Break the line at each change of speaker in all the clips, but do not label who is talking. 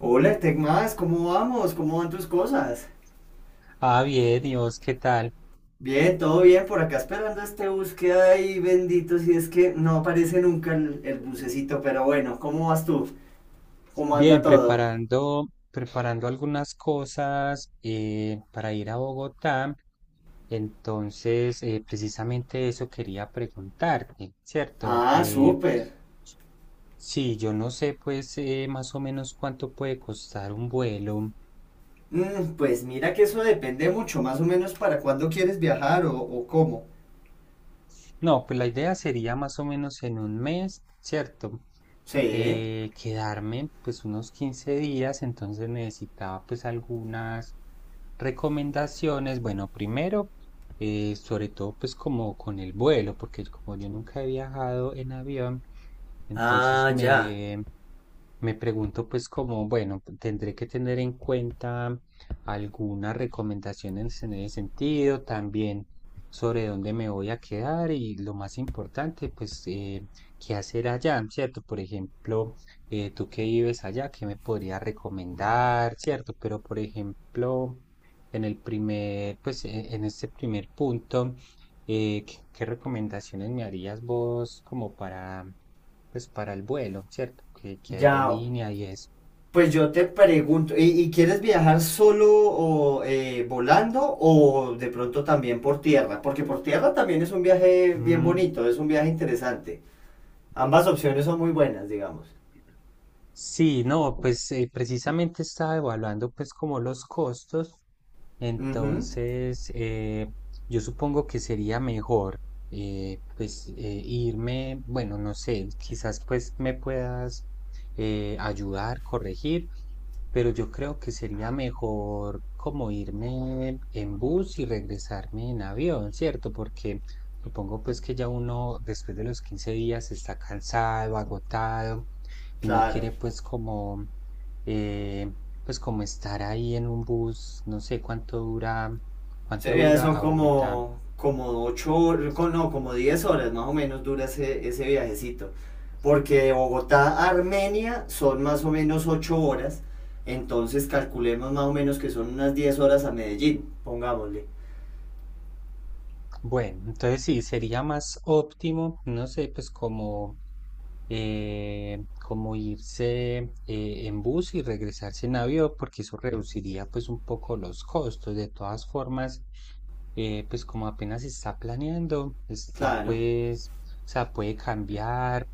Hola, Tecmas, ¿cómo vamos? ¿Cómo van tus cosas?
Ah, bien, ¿y vos qué tal?
Bien, todo bien, por acá esperando este bus que hay, bendito, si es que no aparece nunca el bucecito, pero bueno, ¿cómo vas tú? ¿Cómo anda
Bien,
todo?
preparando algunas cosas para ir a Bogotá. Entonces, precisamente eso quería preguntarte, ¿cierto?
Ah,
Eh,
súper.
sí, yo no sé, pues, más o menos cuánto puede costar un vuelo.
Pues mira que eso depende mucho, más o menos para cuándo quieres viajar o cómo.
No, pues la idea sería más o menos en un mes, ¿cierto?
Sí.
Quedarme, pues, unos 15 días, entonces necesitaba, pues, algunas recomendaciones, bueno, primero, sobre todo pues como con el vuelo, porque como yo nunca he viajado en avión, entonces
Ah, ya.
me pregunto pues como, bueno, tendré que tener en cuenta algunas recomendaciones en ese sentido, también sobre dónde me voy a quedar y lo más importante, pues, qué hacer allá, ¿cierto? Por ejemplo, tú que vives allá, ¿qué me podrías recomendar? ¿Cierto? Pero, por ejemplo, en el primer, pues, en este primer punto. ¿Qué recomendaciones me harías vos como para, pues para el vuelo, ¿cierto? ¿Qué
Ya,
aerolínea y eso?
pues yo te pregunto, ¿y quieres viajar solo o volando o de pronto también por tierra? Porque por tierra también es un viaje bien
Mm.
bonito, es un viaje interesante. Ambas opciones son muy buenas, digamos.
Sí, no, pues precisamente estaba evaluando pues como los costos,
Ujú,
entonces yo supongo que sería mejor pues irme, bueno, no sé, quizás pues me puedas ayudar, corregir, pero yo creo que sería mejor como irme en bus y regresarme en avión, ¿cierto? Porque supongo pues que ya uno después de los 15 días está cansado, agotado y no
claro.
quiere eh, pues como estar ahí en un bus, no sé
Ese
cuánto
viaje
dura
son
a Bogotá.
como, no, como 10 horas más o menos dura ese viajecito. Porque de Bogotá a Armenia son más o menos 8 horas, entonces calculemos más o menos que son unas 10 horas a Medellín, pongámosle.
Bueno, entonces sí, sería más óptimo, no sé, pues como, como irse en bus y regresarse en avión, porque eso reduciría pues un poco los costos. De todas formas, pues como apenas se está planeando, está
Claro.
pues, o sea, puede cambiar.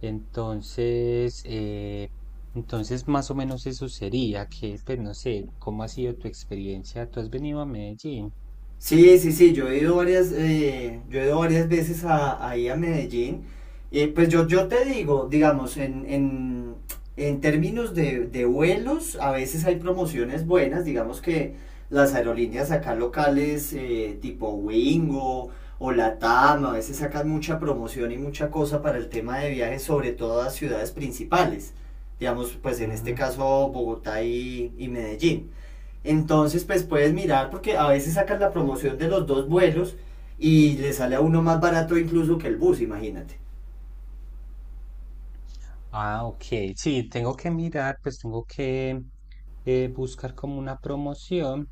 Entonces, eh, entonces, más o menos eso sería, que pues no sé, ¿cómo ha sido tu experiencia? ¿Tú has venido a Medellín?
Sí, sí, sí, yo he ido varias veces a, ahí a Medellín. Y pues yo te digo, digamos, en términos de vuelos, a veces hay promociones buenas, digamos que las aerolíneas acá locales, tipo Wingo o Latam, a veces sacan mucha promoción y mucha cosa para el tema de viajes, sobre todo a ciudades principales. Digamos, pues en este
Mm.
caso Bogotá y Medellín. Entonces, pues puedes mirar porque a veces sacas la promoción de los dos vuelos y le sale a uno más barato incluso que el bus, imagínate.
Ah, ok, sí, tengo que mirar, pues tengo que buscar como una promoción.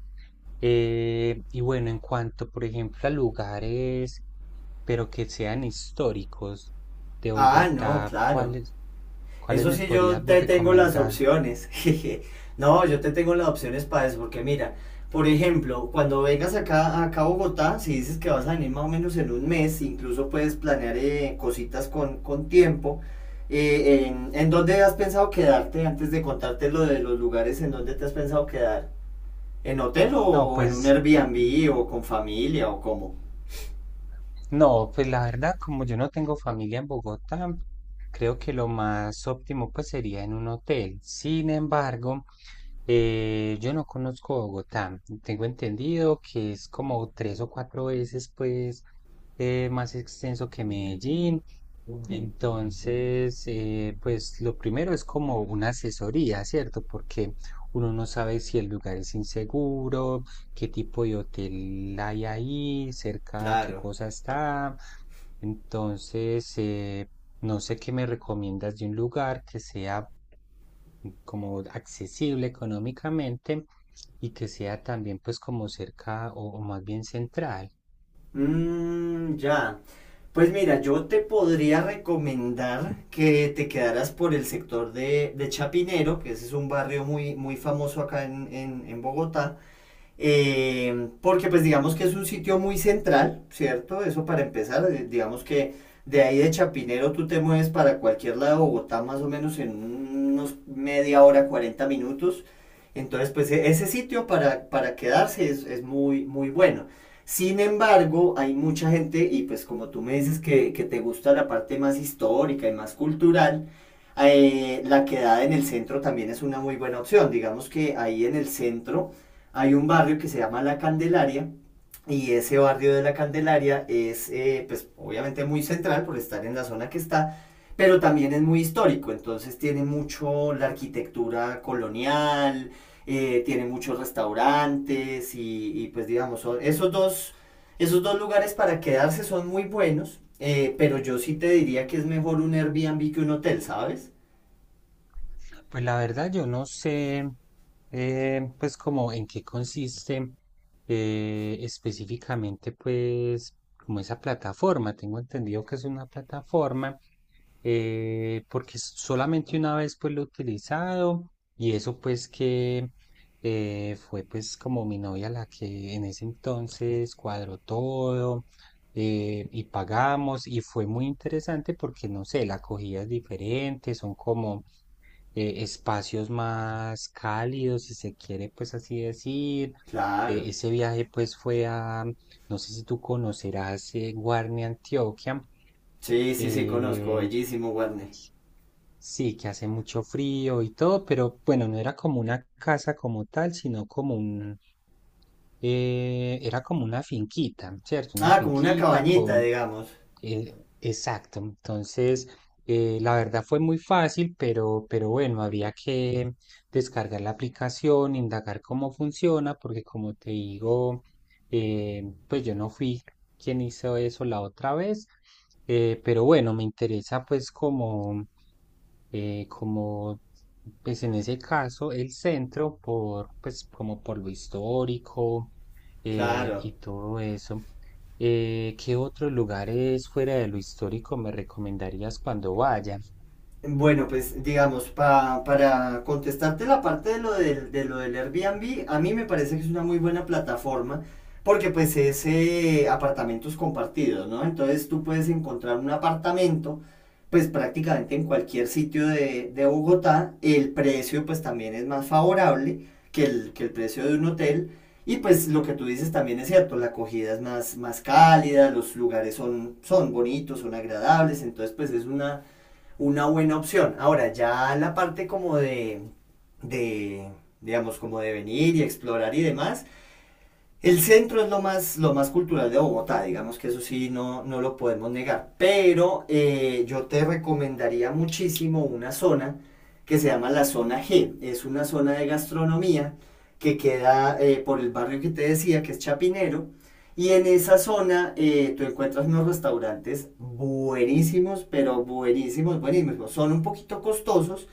Y bueno, en cuanto, por ejemplo, a lugares, pero que sean históricos de
Ah, no,
Bogotá,
claro.
¿cuáles
Eso
me
sí, yo
podrías vos
te tengo las
recomendar?
opciones. No, yo te tengo las opciones para eso, porque mira, por ejemplo, cuando vengas acá a Bogotá, si dices que vas a venir más o menos en un mes, incluso puedes planear cositas con tiempo. ¿En dónde has pensado quedarte antes de contarte lo de los lugares en donde te has pensado quedar? ¿En hotel o,
No,
o en un
pues
Airbnb o con familia o cómo?
no, pues la verdad, como yo no tengo familia en Bogotá, creo que lo más óptimo pues sería en un hotel. Sin embargo, yo no conozco Bogotá. Tengo entendido que es como 3 o 4 veces pues más extenso que Medellín. Entonces, pues lo primero es como una asesoría, ¿cierto? Porque uno no sabe si el lugar es inseguro, qué tipo de hotel hay ahí, cerca qué
Claro.
cosa está. Entonces, no sé qué me recomiendas de un lugar que sea como accesible económicamente y que sea también pues como cerca o más bien central.
Mmm, ya. Pues mira, yo te podría recomendar que te quedaras por el sector de Chapinero, que ese es un barrio muy, muy famoso acá en Bogotá. Porque pues digamos que es un sitio muy central, ¿cierto? Eso para empezar, digamos que de ahí de Chapinero tú te mueves para cualquier lado de Bogotá más o menos en unos media hora, 40 minutos. Entonces, pues ese sitio para quedarse es muy, muy bueno. Sin embargo, hay mucha gente, y pues como tú me dices que te gusta la parte más histórica y más cultural, la quedada en el centro también es una muy buena opción. Digamos que ahí en el centro hay un barrio que se llama La Candelaria y ese barrio de La Candelaria es, pues, obviamente muy central por estar en la zona que está, pero también es muy histórico, entonces tiene mucho la arquitectura colonial, tiene muchos restaurantes y, pues digamos, son esos dos lugares para quedarse son muy buenos, pero yo sí te diría que es mejor un Airbnb que un hotel, ¿sabes?
Pues la verdad yo no sé pues como en qué consiste específicamente pues como esa plataforma. Tengo entendido que es una plataforma porque solamente una vez pues lo he utilizado y eso pues que fue pues como mi novia la que en ese entonces cuadró todo y pagamos y fue muy interesante porque no sé, la acogida es diferente, son como espacios más cálidos si se quiere pues así decir. Eh,
Claro.
ese viaje pues fue a, no sé si tú conocerás Guarne, Antioquia.
Sí, sí, sí, conozco,
eh,
bellísimo, Warner.
Sí, que hace mucho frío y todo, pero bueno, no era como una casa como tal, sino como era como una finquita, ¿cierto? Una
Ah, como una
finquita
cabañita,
con.
digamos.
Exacto. Entonces, la verdad fue muy fácil, pero bueno, había que descargar la aplicación, indagar cómo funciona, porque como te digo, pues yo no fui quien hizo eso la otra vez, pero bueno, me interesa pues como pues en ese caso, el centro, pues como por lo histórico
Claro.
y todo eso, ¿qué otros lugares fuera de lo histórico me recomendarías cuando vaya?
Bueno, pues digamos, para contestarte la parte de lo, del Airbnb, a mí me parece que es una muy buena plataforma porque pues es apartamentos compartidos, ¿no? Entonces tú puedes encontrar un apartamento pues prácticamente en cualquier sitio de Bogotá, el precio pues también es más favorable que el precio de un hotel y pues lo que tú dices también es cierto, la acogida es más cálida, los lugares son, bonitos, son agradables, entonces pues es una buena opción. Ahora, ya la parte como de digamos, como de venir y explorar y demás, el centro es lo más cultural de Bogotá, digamos que eso sí no, no lo podemos negar. Pero yo te recomendaría muchísimo una zona que se llama la zona G. Es una zona de gastronomía que queda por el barrio que te decía, que es Chapinero. Y en esa zona tú encuentras unos restaurantes buenísimos, pero buenísimos, buenísimos. Son un poquito costosos,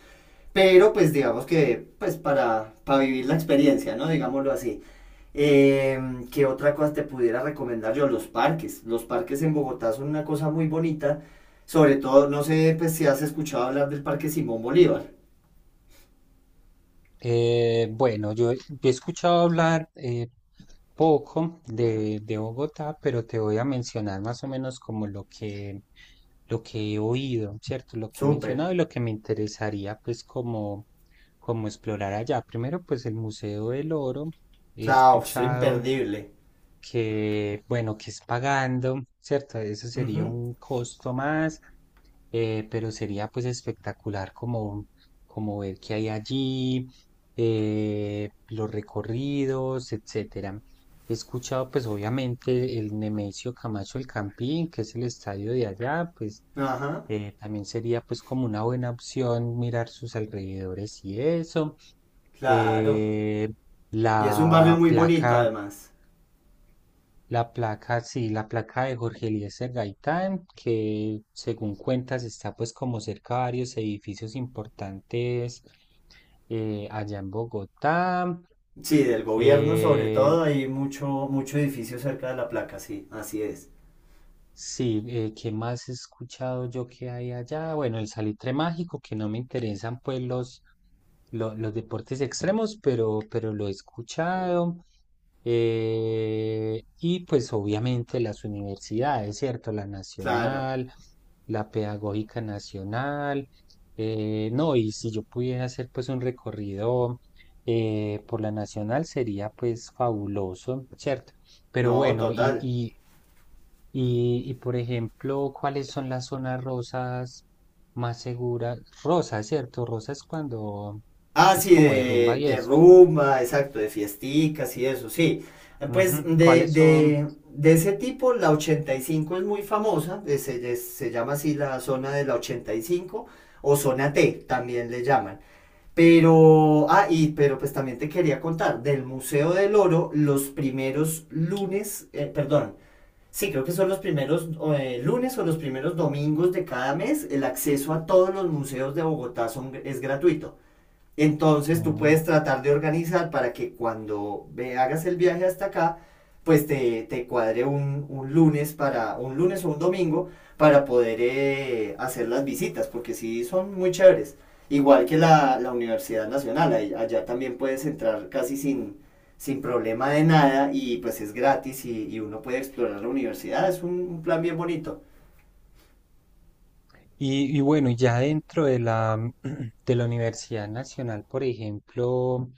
pero pues digamos que pues para vivir la experiencia, ¿no? Digámoslo así. Eh, ¿Qué otra cosa te pudiera recomendar yo? Los parques. Los parques en Bogotá son una cosa muy bonita. Sobre todo, no sé pues, si has escuchado hablar del Parque Simón Bolívar.
Bueno, yo he escuchado hablar poco de Bogotá, pero te voy a mencionar más o menos como lo que, he oído, ¿cierto? Lo que he
Súper.
mencionado y lo que me interesaría pues como, como explorar allá. Primero pues el Museo del Oro, he
Claro, es
escuchado
imperdible.
que, bueno, que es pagando, ¿cierto? Eso sería
Ujú,
un costo más, pero sería pues espectacular como, como ver qué hay allí, los recorridos, etcétera. He escuchado pues obviamente el Nemesio Camacho El Campín, que es el estadio de allá, pues
ajá,
también sería pues como una buena opción mirar sus alrededores y eso.
claro.
eh,
Y es un barrio
la
muy bonito
placa
además.
la placa, sí, la placa de Jorge Eliezer Gaitán, que según cuentas está pues como cerca de varios edificios importantes allá en Bogotá.
Sí, del gobierno sobre
Eh,
todo, hay mucho, mucho edificio cerca de la placa, sí, así es.
Sí, ¿qué más he escuchado yo que hay allá? Bueno, el salitre mágico, que no me interesan pues los deportes extremos, pero lo he escuchado. Y pues obviamente las universidades, ¿cierto? La
Claro,
nacional, la pedagógica nacional. No, y si yo pudiera hacer pues un recorrido por la nacional sería pues fabuloso, ¿cierto? Pero
no,
bueno,
total.
y, por ejemplo, ¿cuáles son las zonas rosas más seguras? Rosa, ¿cierto? Rosa es cuando
Ah,
es
sí,
como de
de,
rumba y
de
eso.
rumba, exacto, de fiesticas y eso, sí. Pues
Ujú.
de,
¿Cuáles son?
de, de ese tipo, la 85 es muy famosa, se llama así la zona de la 85 o zona T, también le llaman. Pero, pues también te quería contar, del Museo del Oro, los primeros lunes, perdón, sí, creo que son los primeros lunes o los primeros domingos de cada mes, el acceso a todos los museos de Bogotá es gratuito. Entonces tú
Mm.
puedes tratar de organizar para que cuando hagas el viaje hasta acá, pues te cuadre un lunes para un lunes o un domingo para poder hacer las visitas, porque sí son muy chéveres. Igual que la Universidad Nacional, allá también puedes entrar casi sin problema de nada y pues es gratis y uno puede explorar la universidad, es un plan bien bonito.
Y bueno, y ya dentro de la, de la Universidad Nacional, por ejemplo,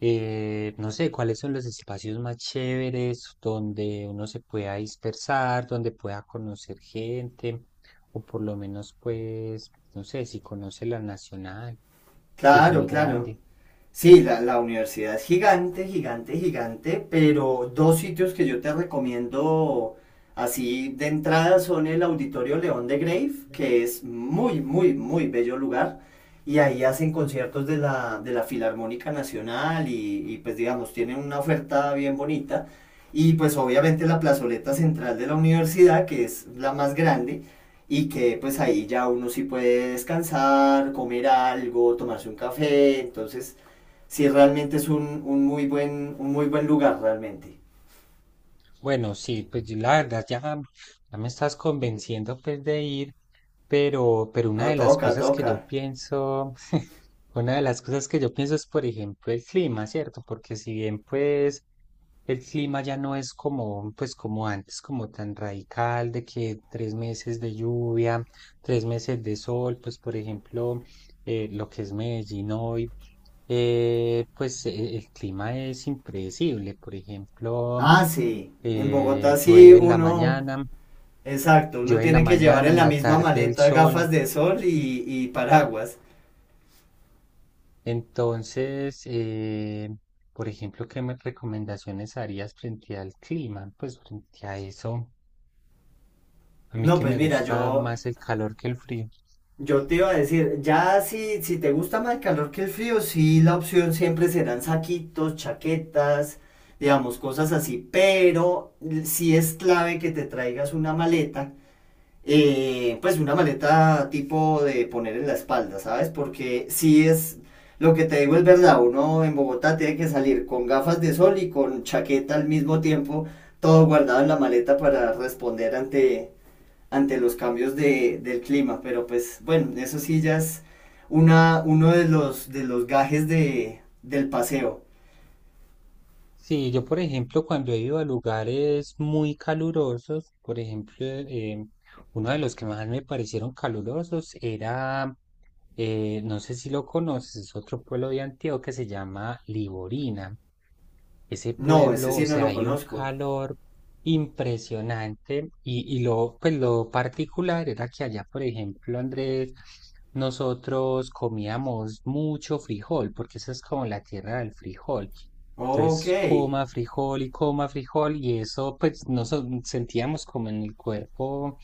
no sé, cuáles son los espacios más chéveres donde uno se pueda dispersar, donde pueda conocer gente, o por lo menos, pues, no sé, si conoce la Nacional, si es
Claro,
muy
claro.
grande.
Sí, la universidad es gigante, gigante, gigante, pero dos sitios que yo te recomiendo así de entrada son el Auditorio León de Grave, que es muy, muy, muy bello lugar, y ahí hacen conciertos de la Filarmónica Nacional y pues digamos, tienen una oferta bien bonita, y pues obviamente la plazoleta central de la universidad, que es la más grande, y que pues ahí ya uno sí puede descansar, comer algo, tomarse un café, entonces sí realmente es un muy buen lugar realmente.
Bueno, sí, pues yo la verdad ya me estás convenciendo pues de ir, pero una
No,
de las
toca,
cosas que
toca.
yo pienso, una de las cosas que yo pienso es, por ejemplo, el clima, ¿cierto? Porque si bien pues el clima ya no es como, pues como antes, como tan radical de que 3 meses de lluvia, 3 meses de sol, pues por ejemplo, lo que es Medellín hoy, pues el clima es impredecible. Por ejemplo,
Ah, sí. En Bogotá sí
llueve en la
uno.
mañana,
Exacto, uno tiene que llevar en
en
la
la
misma
tarde el
maleta
sol.
gafas de sol y paraguas.
Entonces, por ejemplo, ¿qué me recomendaciones harías frente al clima? Pues frente a eso, a mí
No,
que
pues
me
mira,
gusta
yo,
más el calor que el frío.
yo te iba a decir, ya si te gusta más el calor que el frío, sí, la opción siempre serán saquitos, chaquetas, digamos, cosas así, pero sí es clave que te traigas una maleta pues una maleta tipo de poner en la espalda, ¿sabes? Porque si es, lo que te digo es verdad, uno en Bogotá tiene que salir con gafas de sol y con chaqueta al mismo tiempo, todo guardado en la maleta para responder ante los cambios del clima, pero pues bueno, eso sí ya es uno de los gajes del paseo.
Sí, yo por ejemplo cuando he ido a lugares muy calurosos, por ejemplo, uno de los que más me parecieron calurosos era no sé si lo conoces, es otro pueblo de Antioquia que se llama Liborina. Ese
No, ese
pueblo, o
sí no
sea,
lo
hay un
conozco.
calor impresionante y pues lo particular era que allá, por ejemplo, Andrés, nosotros comíamos mucho frijol, porque esa es como la tierra del frijol.
Ok,
Entonces, coma frijol, y eso, pues, nos sentíamos como en el cuerpo,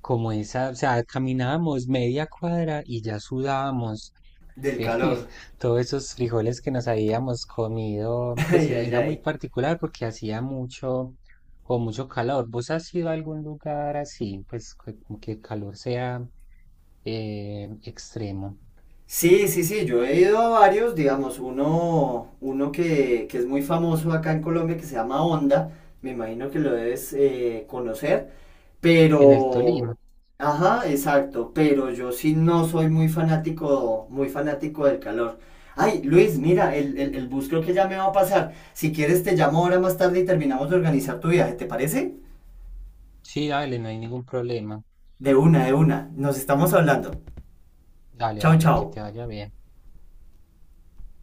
como esa, o sea, caminábamos media cuadra y ya sudábamos
del
eh,
calor.
todos esos frijoles que nos habíamos comido, pues
Ay, ay,
era muy
ay.
particular porque hacía mucho calor. ¿Vos has ido a algún lugar así, pues como que el calor sea extremo?
Sí, sí, sí, yo he ido a varios, digamos, uno que es muy famoso acá en Colombia que se llama Onda, me imagino que lo debes conocer,
En el Tolima.
pero, ajá, exacto, pero yo sí no soy muy fanático del calor. Ay, Luis, mira, el bus creo que ya me va a pasar. Si quieres te llamo ahora más tarde y terminamos de organizar tu viaje, ¿te parece?
Sí, dale, no hay ningún problema.
De una, nos estamos hablando.
Dale,
Chao,
dale, que
chao.
te vaya bien.